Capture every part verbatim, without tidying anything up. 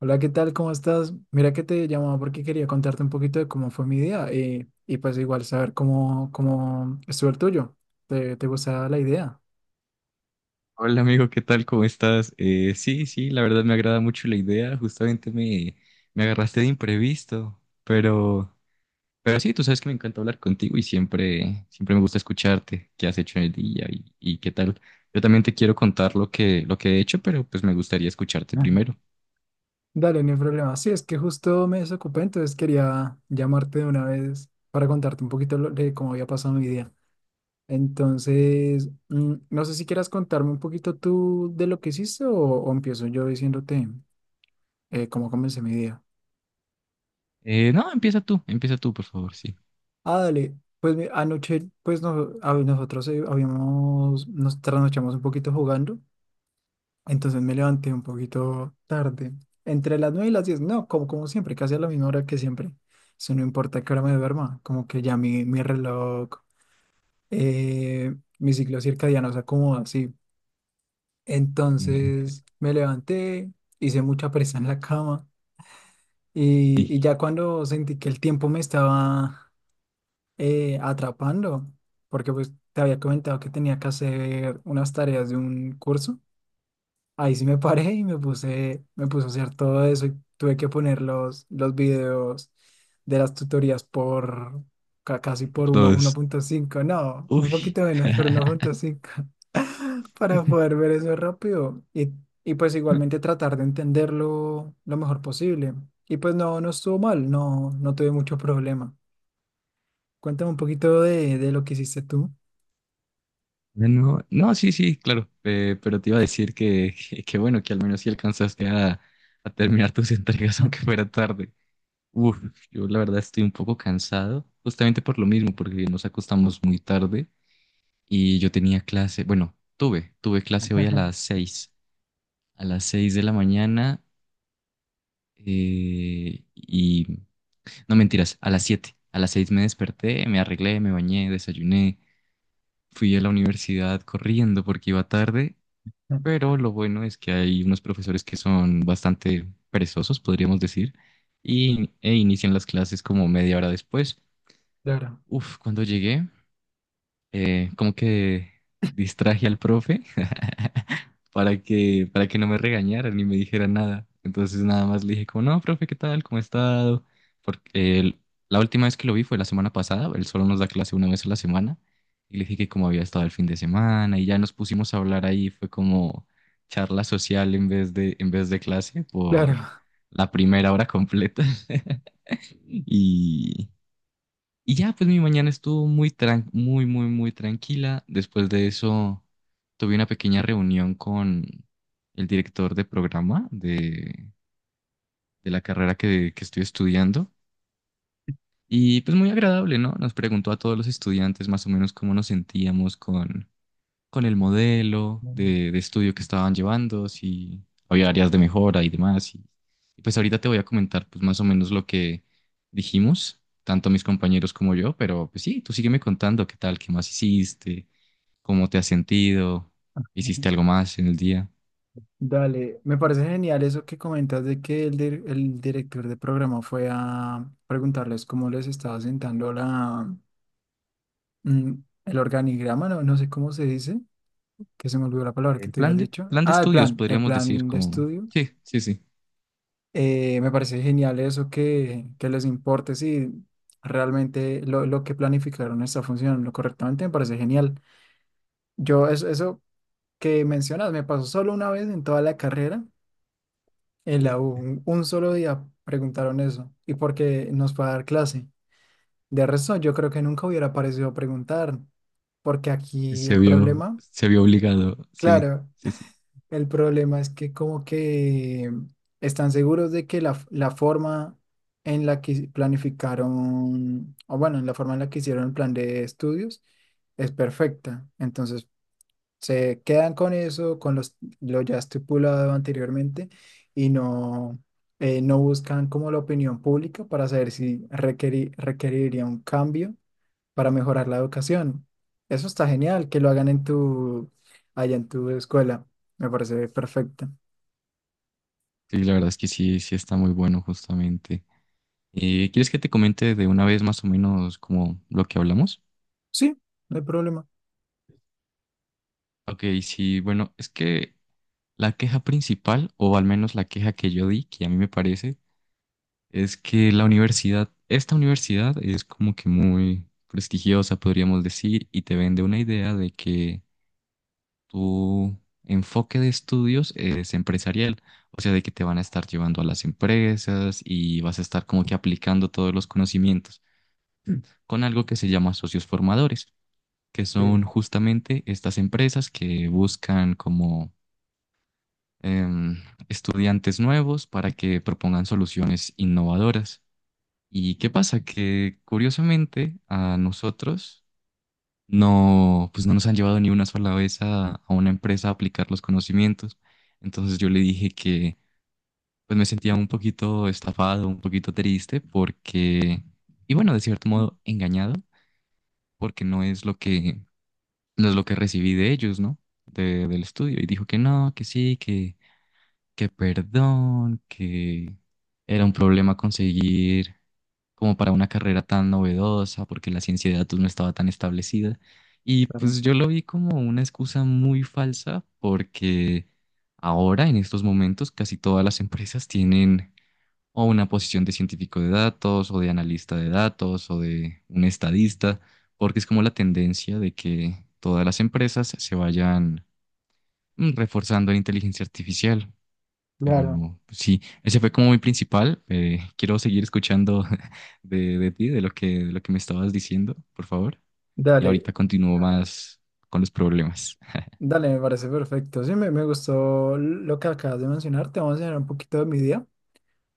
Hola, ¿qué tal? ¿Cómo estás? Mira que te llamaba porque quería contarte un poquito de cómo fue mi día eh, y, pues igual saber cómo, cómo estuvo el tuyo. ¿Te, te gustaba la idea? Hola amigo, ¿qué tal? ¿Cómo estás? Eh, sí, sí, la verdad me agrada mucho la idea. Justamente me, me agarraste de imprevisto, pero, pero sí, tú sabes que me encanta hablar contigo y siempre, siempre me gusta escucharte qué has hecho en el día y, y qué tal. Yo también te quiero contar lo que, lo que he hecho, pero pues me gustaría escucharte Ujú. primero. Dale, no hay problema. Sí, es que justo me desocupé, entonces quería llamarte de una vez para contarte un poquito lo- de cómo había pasado mi día. Entonces, mm, no sé si quieras contarme un poquito tú de lo que hiciste o, o empiezo yo diciéndote eh, cómo comencé mi día. Eh, no, empieza tú, empieza tú, por favor, sí. Ah, dale. Pues mi- anoche, pues no, a- nosotros eh, habíamos, nos trasnochamos un poquito jugando, entonces me levanté un poquito tarde, entre las nueve y las diez. No, como, como siempre, casi a la misma hora que siempre. Eso no importa qué hora me duerma, como que ya mi, mi reloj, eh, mi ciclo circadiano se acomoda así. Eh, Entonces me levanté, hice mucha presa en la cama y, y ya cuando sentí que el tiempo me estaba eh, atrapando, porque pues te había comentado que tenía que hacer unas tareas de un curso. Ahí sí me paré y me puse, me puse a hacer todo eso y tuve que poner los, los videos de las tutorías por ca- casi por por uno uno Dos. punto cinco, no, un Uy. poquito menos, por uno punto cinco para poder ver eso rápido y, y pues igualmente tratar de entenderlo lo mejor posible. Y pues no, no estuvo mal, no, no tuve mucho problema. Cuéntame un poquito de, de lo que hiciste tú. No, no, sí, sí, claro, eh, pero te iba a decir que, que, que bueno, que al menos sí alcanzaste a, a terminar tus entregas aunque fuera tarde. Uf, yo la verdad estoy un poco cansado, justamente por lo mismo, porque nos acostamos muy tarde y yo tenía clase, bueno, tuve, tuve clase hoy a las seis, a las seis de la mañana eh, y, no mentiras, a las siete, a las seis me desperté, me arreglé, me bañé, desayuné, fui a la universidad corriendo porque iba tarde. Pero lo bueno es que hay unos profesores que son bastante perezosos, podríamos decir, y, e inician las clases como media hora después. Claro, Uf, cuando llegué, eh, como que distraje al profe para que, para que no me regañara ni me dijera nada. Entonces nada más le dije como, no, profe, ¿qué tal? ¿Cómo ha estado? Porque el- la última vez que lo vi fue la semana pasada, él solo nos da clase una vez a la semana. Y le dije que cómo había estado el fin de semana y ya nos pusimos a hablar ahí, fue como charla social en vez de, en vez de clase por claro. la primera hora completa. Y, y ya, pues mi mañana estuvo muy tran- muy, muy, muy tranquila. Después de eso, tuve una pequeña reunión con el director de programa de, de la carrera que, que estoy estudiando. Y pues muy agradable, ¿no? Nos preguntó a todos los estudiantes más o menos cómo nos sentíamos con, con el modelo de, de estudio que estaban llevando, si había áreas de mejora y demás. Y, y pues ahorita te voy a comentar pues más o menos lo que dijimos, tanto mis compañeros como yo, pero pues sí, tú sígueme contando qué tal, qué más hiciste, cómo te has sentido, hiciste algo más en el día. Dale, me parece genial eso que comentas de que el, dir- el director de programa fue a preguntarles cómo les estaba sentando la, mm, el organigrama, no, no sé cómo se dice, que se me olvidó la palabra que El te había plan de, dicho. plan de Ah, el estudios, plan, el podríamos decir, plan de como... estudio. Sí, sí, sí. Eh, me parece genial eso que, que les importe si realmente lo, lo que planificaron está funcionando correctamente, me parece genial. Yo eso, eso que mencionas, me pasó solo una vez en toda la carrera, en la U, un, un solo día preguntaron eso, y porque nos fue a dar clase. De resto, yo creo que nunca hubiera parecido preguntar, porque aquí Se el vio, problema, se vio obligado, sí, claro, sí, sí. el problema es que como que están seguros de que la, f- la forma en la que planificaron, o bueno, en la forma en la que hicieron el plan de estudios es perfecta. Entonces, se quedan con eso, con los, lo ya estipulado anteriormente y no, eh, no buscan como la opinión pública para saber si requeri- requeriría un cambio para mejorar la educación. Eso está genial, que lo hagan en tu, allá en tu escuela. Me parece perfecto. Sí, la verdad es que sí, sí está muy bueno justamente. ¿Y quieres que te comente de una vez más o menos como lo que hablamos? Sí, no hay problema. Ok, sí, bueno, es que la queja principal, o al menos la queja que yo di, que a mí me parece, es que la universidad, esta universidad es como que muy prestigiosa, podríamos decir, y te vende una idea de que tu enfoque de estudios es empresarial, o sea, de que te van a estar llevando a las empresas y vas a estar como que aplicando todos los conocimientos con algo que se llama socios formadores, que son Sí, justamente estas empresas que buscan como em, estudiantes nuevos para que propongan soluciones innovadoras. ¿Y qué pasa? Que curiosamente a nosotros no, pues no nos han llevado ni una sola vez a, a una empresa a aplicar los conocimientos. Entonces yo le dije que pues me sentía un poquito estafado, un poquito triste porque, y bueno, de cierto modo engañado, porque no es lo que no es lo que recibí de ellos, ¿no? De- del estudio. Y dijo que no, que sí, que, que perdón, que era un problema conseguir como para una carrera tan novedosa, porque la ciencia de datos no estaba tan establecida. Y claro. pues yo lo vi como una excusa muy falsa, porque ahora, en estos momentos, casi todas las empresas tienen o una posición de científico de datos o de analista de datos o de un estadista, porque es como la tendencia de que todas las empresas se vayan mm, reforzando la inteligencia artificial. Claro, Pero pues, sí, ese fue como mi principal. Eh, quiero seguir escuchando de, de ti, de lo que, de lo que me estabas diciendo, por favor. Y dale, ahorita continúo más con los problemas. dale, me parece perfecto. Sí, me, me gustó lo que acabas de mencionar. Te voy a enseñar un poquito de mi día,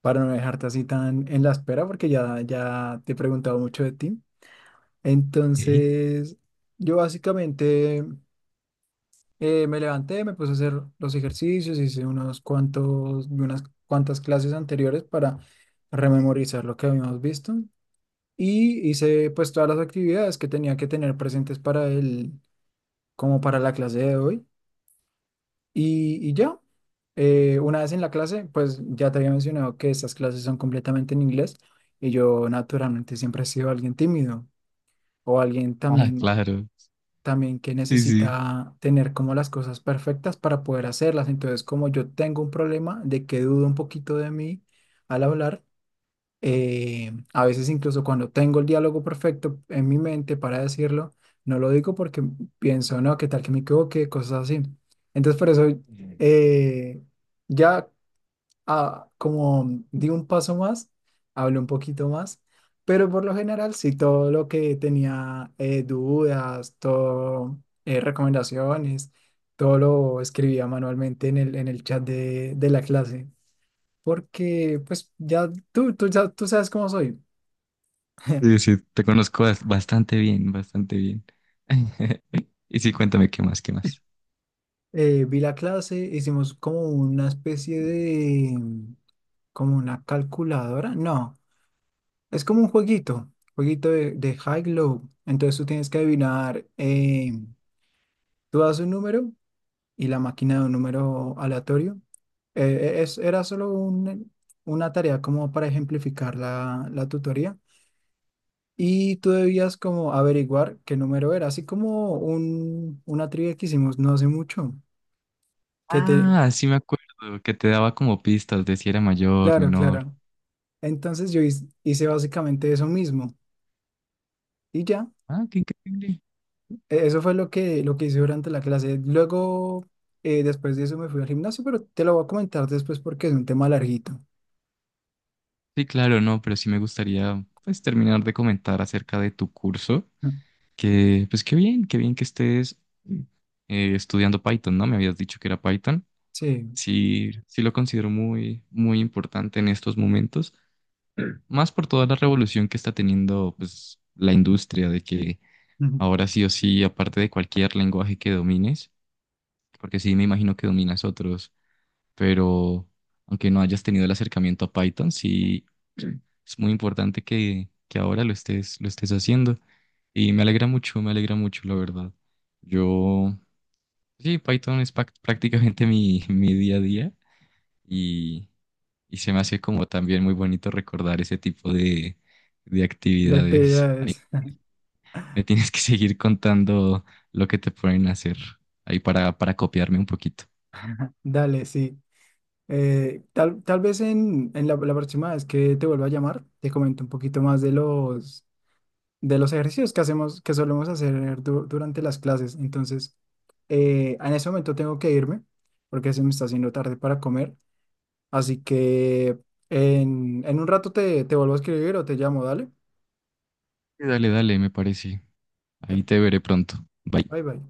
para no dejarte así tan en la espera, porque ya, ya te he preguntado mucho de ti. Ok. Entonces, yo básicamente eh, me levanté, me puse a hacer los ejercicios, hice unos cuantos, unas cuantas clases anteriores para rememorizar lo que habíamos visto y hice pues todas las actividades que tenía que tener presentes para el, como para la clase de hoy. Y, y ya, eh, una vez en la clase, pues ya te había mencionado que estas clases son completamente en inglés y yo naturalmente siempre he sido alguien tímido o alguien Ah, también, claro. también que Sí, sí. necesita tener como las cosas perfectas para poder hacerlas. Entonces, como yo tengo un problema de que dudo un poquito de mí al hablar, eh, a veces incluso cuando tengo el diálogo perfecto en mi mente para decirlo, no lo digo porque pienso, no, qué tal que me equivoque, cosas así. Entonces por eso eh, ya ah, como di un paso más, hablé un poquito más, pero por lo general sí, todo lo que tenía eh, dudas, todo eh, recomendaciones, todo lo escribía manualmente en el, en el chat de, de la clase. Porque, pues, ya tú, tú, ya, tú sabes cómo soy. Sí, sí, te conozco bas- bastante bien, bastante bien. Y sí, cuéntame qué más, qué más. Eh, vi la clase, hicimos como una especie de, mm, como una calculadora. No, es como un jueguito, jueguito de, de high-low. Entonces tú tienes que adivinar, eh, tú das un número y la máquina da un número aleatorio. Eh, es, era solo un- una tarea como para ejemplificar la, la tutoría. Y tú debías como averiguar qué número era, así como un, una trivia que hicimos no hace mucho, que te... Ah, sí me acuerdo que te daba como pistas de si era mayor, Claro, menor. claro. Entonces yo hiz- hice básicamente eso mismo y ya, Ah, qué increíble. E- eso fue lo que, lo que hice durante la clase. Luego, eh, después de eso me fui al gimnasio, pero te lo voy a comentar después porque es un tema larguito. Sí, claro, no, pero sí me gustaría pues terminar de comentar acerca de tu curso, que pues qué bien, qué bien que estés eh, estudiando Python, ¿no? Me habías dicho que era Python. Sí, Sí, sí lo considero muy, muy importante en estos momentos, más por toda la revolución que está teniendo pues la industria de que ujú, ahora sí o sí, aparte de cualquier lenguaje que domines, porque sí me imagino que dominas otros, pero aunque no hayas tenido el acercamiento a Python, sí es muy importante que, que ahora lo estés, lo estés haciendo. Y me alegra mucho, me alegra mucho, la verdad. Yo, sí, Python es pac- prácticamente mi, mi día a día y, y se me hace como también muy bonito recordar ese tipo de, de de actividades. actividades. Me tienes que seguir contando lo que te pueden hacer ahí para, para copiarme un poquito. Dale, sí. Eh, tal, tal vez en, en la, la próxima vez que te vuelva a llamar, te comento un poquito más de los, de los ejercicios que hacemos, que solemos hacer du- durante las clases. Entonces, eh, en ese momento tengo que irme porque se me está haciendo tarde para comer. Así que en, en un rato te, te vuelvo a escribir o te llamo, dale. Sí, dale, dale, me parece. Ahí Dale. te veré pronto. Bye. Bye bye.